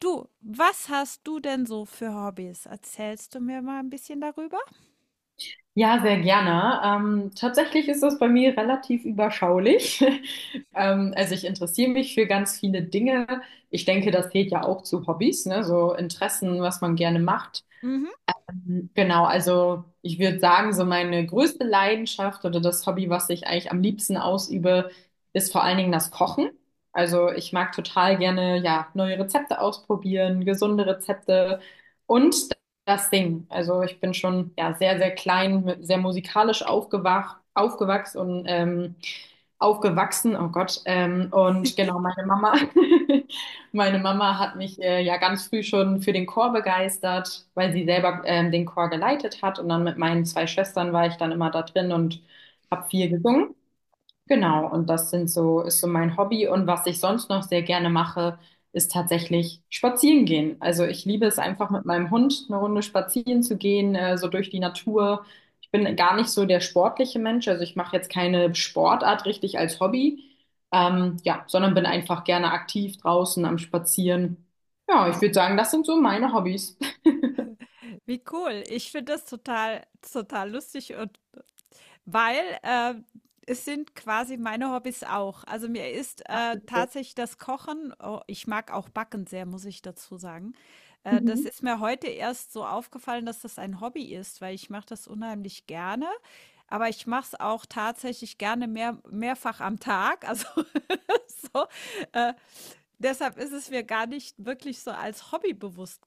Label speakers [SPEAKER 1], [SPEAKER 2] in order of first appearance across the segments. [SPEAKER 1] Du, was hast du denn so für Hobbys? Erzählst du mir mal ein bisschen darüber?
[SPEAKER 2] Ja, sehr gerne. Tatsächlich ist das bei mir relativ überschaulich. Also ich interessiere mich für ganz viele Dinge. Ich denke, das zählt ja auch zu Hobbys, ne? So Interessen, was man gerne macht.
[SPEAKER 1] Mhm.
[SPEAKER 2] Genau, also ich würde sagen, so meine größte Leidenschaft oder das Hobby, was ich eigentlich am liebsten ausübe, ist vor allen Dingen das Kochen. Also ich mag total gerne, ja, neue Rezepte ausprobieren, gesunde Rezepte und das Singen. Also ich bin schon, ja, sehr, sehr klein, sehr musikalisch aufgewachsen und aufgewachsen, oh Gott, und genau, meine Mama. Meine Mama hat mich ja ganz früh schon für den Chor begeistert, weil sie selber den Chor geleitet hat. Und dann mit meinen zwei Schwestern war ich dann immer da drin und habe viel gesungen. Genau, und das ist so mein Hobby. Und was ich sonst noch sehr gerne mache, ist tatsächlich spazieren gehen. Also ich liebe es einfach mit meinem Hund eine Runde spazieren zu gehen, so durch die Natur. Ich bin gar nicht so der sportliche Mensch, also ich mache jetzt keine Sportart richtig als Hobby, ja, sondern bin einfach gerne aktiv draußen am Spazieren. Ja, ich würde sagen, das sind so meine Hobbys.
[SPEAKER 1] Wie cool. Ich finde das total, total lustig und weil es sind quasi meine Hobbys auch. Also mir ist tatsächlich das Kochen, oh, ich mag auch Backen sehr, muss ich dazu sagen. Das
[SPEAKER 2] Mhm.
[SPEAKER 1] ist mir heute erst so aufgefallen, dass das ein Hobby ist, weil ich mache das unheimlich gerne. Aber ich mache es auch tatsächlich gerne mehrfach am Tag. Also so. Äh, Deshalb ist es mir gar nicht wirklich so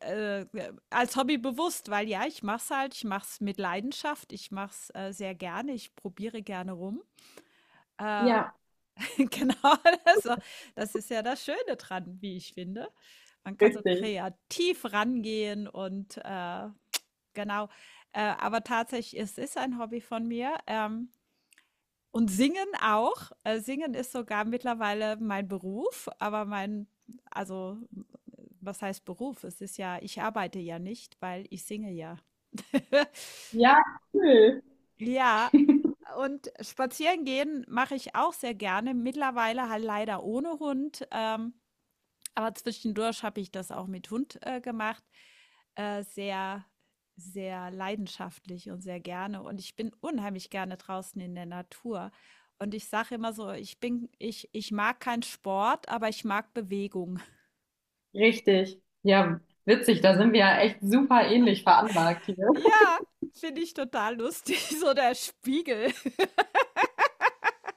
[SPEAKER 1] als Hobby bewusst, weil ja, ich mache es halt, ich mache es mit Leidenschaft, ich mach's sehr gerne, ich probiere gerne rum. Äh,
[SPEAKER 2] Ja,
[SPEAKER 1] genau, also, das ist ja das Schöne dran, wie ich finde. Man kann so
[SPEAKER 2] richtig.
[SPEAKER 1] kreativ rangehen und genau. Aber tatsächlich, es ist ein Hobby von mir. Und singen auch. Singen ist sogar mittlerweile mein Beruf, aber mein, also was heißt Beruf? Es ist ja, ich arbeite ja nicht, weil ich singe ja.
[SPEAKER 2] Ja, cool.
[SPEAKER 1] Ja, und spazieren gehen mache ich auch sehr gerne. Mittlerweile halt leider ohne Hund. Aber zwischendurch habe ich das auch mit Hund gemacht. Sehr, sehr leidenschaftlich und sehr gerne. Und ich bin unheimlich gerne draußen in der Natur. Und ich sage immer so, ich mag keinen Sport, aber ich mag Bewegung.
[SPEAKER 2] Richtig. Ja, witzig, da sind wir ja echt super ähnlich veranlagt hier.
[SPEAKER 1] Ja, finde ich total lustig. So der Spiegel.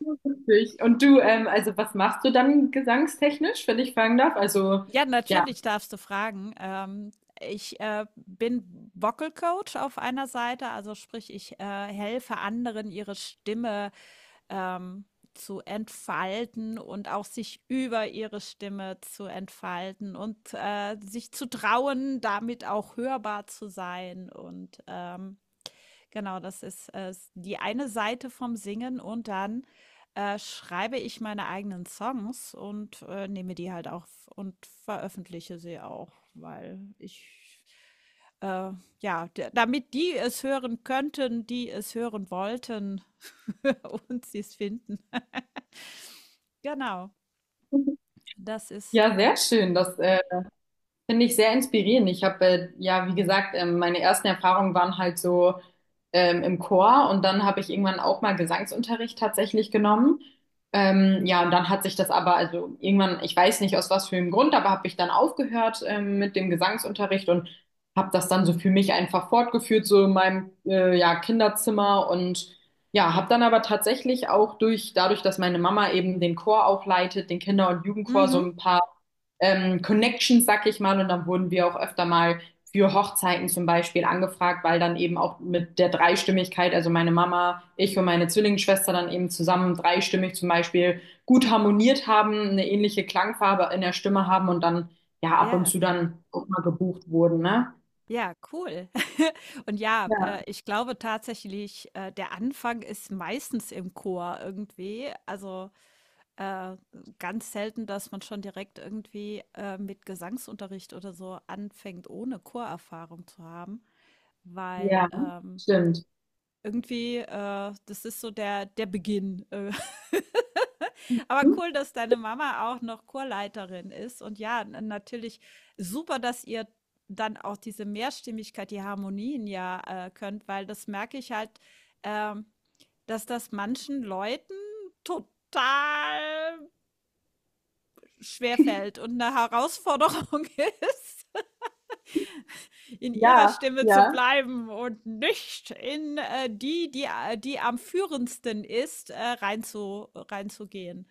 [SPEAKER 2] Witzig. Und du, also was machst du dann gesangstechnisch, wenn ich fragen darf? Also,
[SPEAKER 1] Ja,
[SPEAKER 2] ja,
[SPEAKER 1] natürlich darfst du fragen. Ich bin Vocal Coach auf einer Seite, also sprich, ich helfe anderen, ihre Stimme ähm, zu entfalten und auch sich über ihre Stimme zu entfalten und sich zu trauen, damit auch hörbar zu sein. Und genau, das ist die eine Seite vom Singen und dann schreibe ich meine eigenen Songs und nehme die halt auch und veröffentliche sie auch, weil äh, ja, damit die es hören könnten, die es hören wollten und sie es finden. Genau, das ist
[SPEAKER 2] ja, sehr schön. Das Finde ich sehr inspirierend. Ich habe ja, wie gesagt, meine ersten Erfahrungen waren halt so im Chor und dann habe ich irgendwann auch mal Gesangsunterricht tatsächlich genommen. Ja, und dann hat sich das aber, also irgendwann, ich weiß nicht aus was für einem Grund, aber habe ich dann aufgehört mit dem Gesangsunterricht und habe das dann so für mich einfach fortgeführt, so in meinem ja, Kinderzimmer und ja, habe dann aber tatsächlich auch dadurch, dass meine Mama eben den Chor auch leitet, den Kinder- und Jugendchor, so
[SPEAKER 1] mhm,
[SPEAKER 2] ein paar Connections, sag ich mal. Und dann wurden wir auch öfter mal für Hochzeiten zum Beispiel angefragt, weil dann eben auch mit der Dreistimmigkeit, also meine Mama, ich und meine Zwillingsschwester dann eben zusammen dreistimmig zum Beispiel gut harmoniert haben, eine ähnliche Klangfarbe in der Stimme haben und dann ja ab und
[SPEAKER 1] ja,
[SPEAKER 2] zu dann auch mal gebucht wurden, ne?
[SPEAKER 1] ja, cool. Und ja,
[SPEAKER 2] Ja,
[SPEAKER 1] ich glaube tatsächlich, der Anfang ist meistens im Chor irgendwie. Also äh, ganz selten, dass man schon direkt irgendwie mit Gesangsunterricht oder so anfängt, ohne Chorerfahrung zu haben, weil
[SPEAKER 2] ja, stimmt.
[SPEAKER 1] irgendwie, das ist so der Beginn. Aber
[SPEAKER 2] Hm?
[SPEAKER 1] cool, dass deine Mama auch noch Chorleiterin ist. Und ja, n- natürlich super, dass ihr dann auch diese Mehrstimmigkeit, die Harmonien ja könnt, weil das merke ich halt, ähm, dass das manchen Leuten total schwerfällt und eine Herausforderung ist. In ihrer
[SPEAKER 2] Ja,
[SPEAKER 1] Stimme zu
[SPEAKER 2] ja.
[SPEAKER 1] bleiben und nicht in die am führendsten ist, reinzugehen.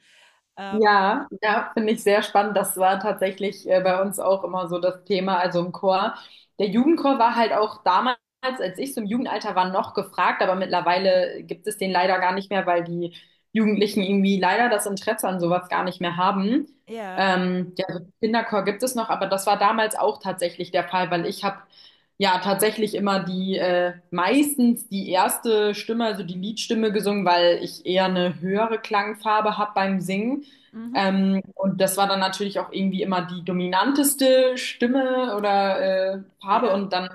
[SPEAKER 1] Ähm,
[SPEAKER 2] Ja, ja, finde ich sehr spannend. Das war tatsächlich bei uns auch immer so das Thema, also im Chor. Der Jugendchor war halt auch damals, als ich so im Jugendalter war, noch gefragt, aber mittlerweile gibt es den leider gar nicht mehr, weil die Jugendlichen irgendwie leider das Interesse an sowas gar nicht mehr haben.
[SPEAKER 1] ja,
[SPEAKER 2] Ja, also Kinderchor gibt es noch, aber das war damals auch tatsächlich der Fall, weil ich habe ja tatsächlich immer die meistens die erste Stimme, also die Liedstimme gesungen, weil ich eher eine höhere Klangfarbe habe beim Singen.
[SPEAKER 1] mhm,
[SPEAKER 2] Und das war dann natürlich auch irgendwie immer die dominanteste Stimme oder Farbe.
[SPEAKER 1] ja.
[SPEAKER 2] Und dann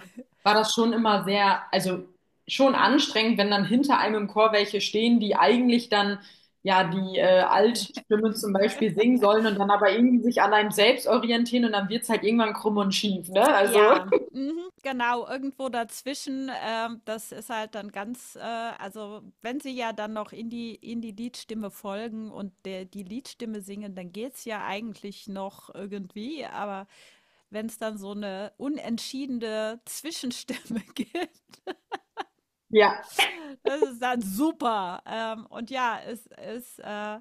[SPEAKER 2] war das schon immer sehr, also schon anstrengend, wenn dann hinter einem im Chor welche stehen, die eigentlich dann ja die Altstimme zum Beispiel singen sollen und dann aber irgendwie sich an einem selbst orientieren und dann wird's halt irgendwann krumm und schief, ne? Also,
[SPEAKER 1] Ja, mhm, genau, irgendwo dazwischen. Das ist halt dann also wenn sie ja dann noch in die Liedstimme folgen und die Liedstimme singen, dann geht's ja eigentlich noch irgendwie, aber wenn es dann so eine unentschiedene Zwischenstimme gibt,
[SPEAKER 2] ja,
[SPEAKER 1] das ist dann super. Und ja,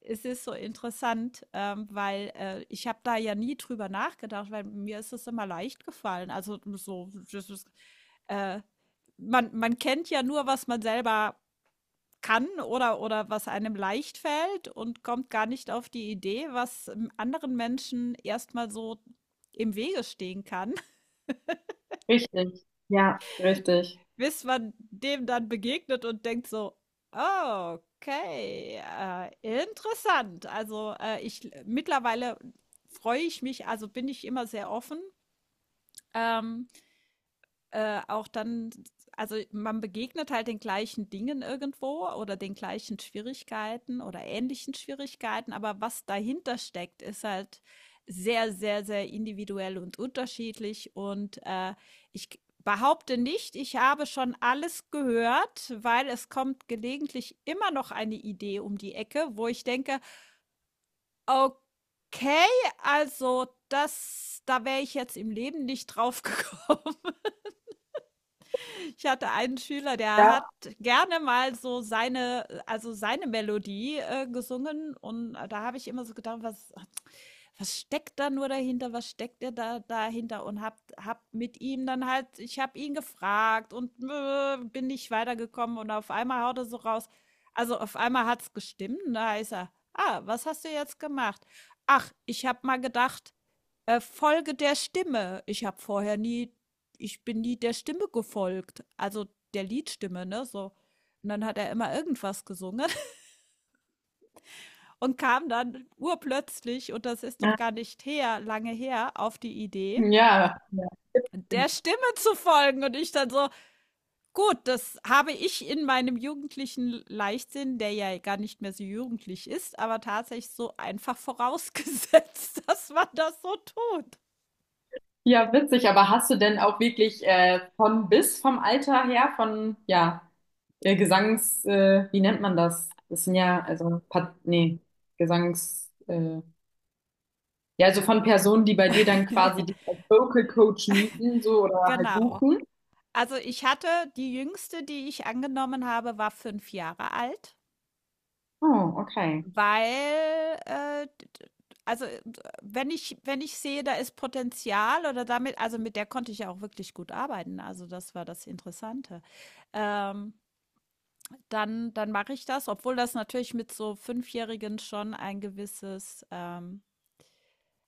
[SPEAKER 1] es ist so interessant, weil ich habe da ja nie drüber nachgedacht, weil mir ist es immer leicht gefallen. Also so, äh, man, man kennt ja nur, was man selber kann oder was einem leicht fällt und kommt gar nicht auf die Idee, was anderen Menschen erstmal so im Wege stehen kann.
[SPEAKER 2] richtig. Ja, richtig.
[SPEAKER 1] Bis man dem dann begegnet und denkt so: „Ah, okay, interessant.“ Also, ich mittlerweile freue ich mich also, bin ich immer sehr offen, ähm auch dann, also man begegnet halt den gleichen Dingen irgendwo oder den gleichen Schwierigkeiten oder ähnlichen Schwierigkeiten, aber was dahinter steckt, ist halt sehr, sehr, sehr individuell und unterschiedlich. Und ich behaupte nicht, ich habe schon alles gehört, weil es kommt gelegentlich immer noch eine Idee um die Ecke, wo ich denke, okay, also das, da wäre ich jetzt im Leben nicht drauf gekommen. Ich hatte einen Schüler, der hat
[SPEAKER 2] Ja,
[SPEAKER 1] gerne mal so also seine Melodie gesungen und da habe ich immer so gedacht, was steckt da nur dahinter, was steckt er da dahinter und hab mit ihm dann halt, ich habe ihn gefragt und bin nicht weitergekommen und auf einmal haut er so raus, also auf einmal hat's gestimmt, und da ist er, ah, was hast du jetzt gemacht? Ach, ich habe mal gedacht, folge der Stimme. Ich bin nie der Stimme gefolgt, also der Liedstimme, ne, so. Und dann hat er immer irgendwas gesungen und kam dann urplötzlich, und das ist doch gar nicht her, lange her, auf die Idee,
[SPEAKER 2] ja, ja.
[SPEAKER 1] der Stimme zu folgen. Und ich dann so, gut, das habe ich in meinem jugendlichen Leichtsinn, der ja gar nicht mehr so jugendlich ist, aber tatsächlich so einfach vorausgesetzt, dass man das so tut.
[SPEAKER 2] Ja, witzig, aber hast du denn auch wirklich von bis vom Alter her, von, ja, wie nennt man das? Das sind ja, also, Gesangs, äh, ja, also von Personen, die bei dir dann quasi dich als Vocal Coach mieten, so, oder halt
[SPEAKER 1] Genau.
[SPEAKER 2] buchen.
[SPEAKER 1] Also, ich hatte die jüngste, die ich angenommen habe, war 5 Jahre alt,
[SPEAKER 2] Oh, okay.
[SPEAKER 1] weil, d d also, d wenn ich sehe, da ist Potenzial oder damit also, mit der konnte ich ja auch wirklich gut arbeiten, also, das war das Interessante. Ähm, Dann mache ich das, obwohl das natürlich mit so Fünfjährigen schon ein gewisses,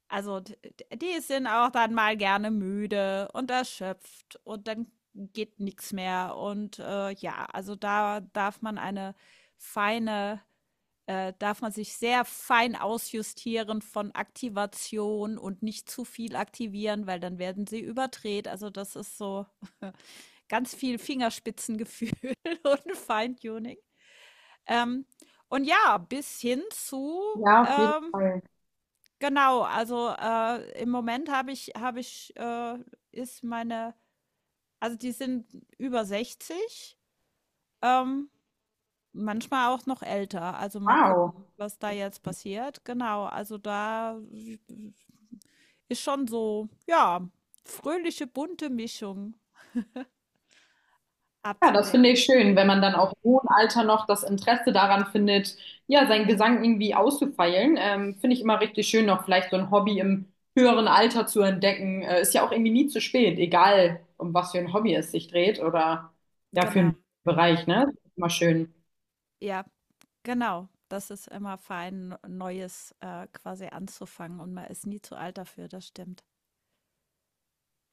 [SPEAKER 1] also, d d die sind auch dann mal gerne müde und erschöpft und dann geht nichts mehr und, ja, also, da darf man eine feine darf man sich sehr fein ausjustieren von Aktivation und nicht zu viel aktivieren, weil dann werden sie überdreht. Also, das ist so ganz viel Fingerspitzengefühl und Feintuning. Ähm, und ja, bis hin zu,
[SPEAKER 2] Ja, auf jeden Fall.
[SPEAKER 1] genau, also, im Moment habe ich, ist meine also, die sind über 60, ähm, manchmal auch noch älter. Also, mal
[SPEAKER 2] Wow.
[SPEAKER 1] gucken, was da jetzt passiert. Genau, also, da ist schon so, ja, fröhliche, bunte Mischung
[SPEAKER 2] Ja, das finde
[SPEAKER 1] abzudecken.
[SPEAKER 2] ich schön, wenn man dann auch im hohen Alter noch das Interesse daran findet, ja, seinen Gesang irgendwie auszufeilen. Finde ich immer richtig schön, noch vielleicht so ein Hobby im höheren Alter zu entdecken. Ist ja auch irgendwie nie zu spät, egal um was für ein Hobby es sich dreht oder ja, für
[SPEAKER 1] Genau,
[SPEAKER 2] einen Bereich, ne? Immer schön.
[SPEAKER 1] ja, genau. Das ist immer fein, Neues, quasi anzufangen und man ist nie zu alt dafür, das stimmt.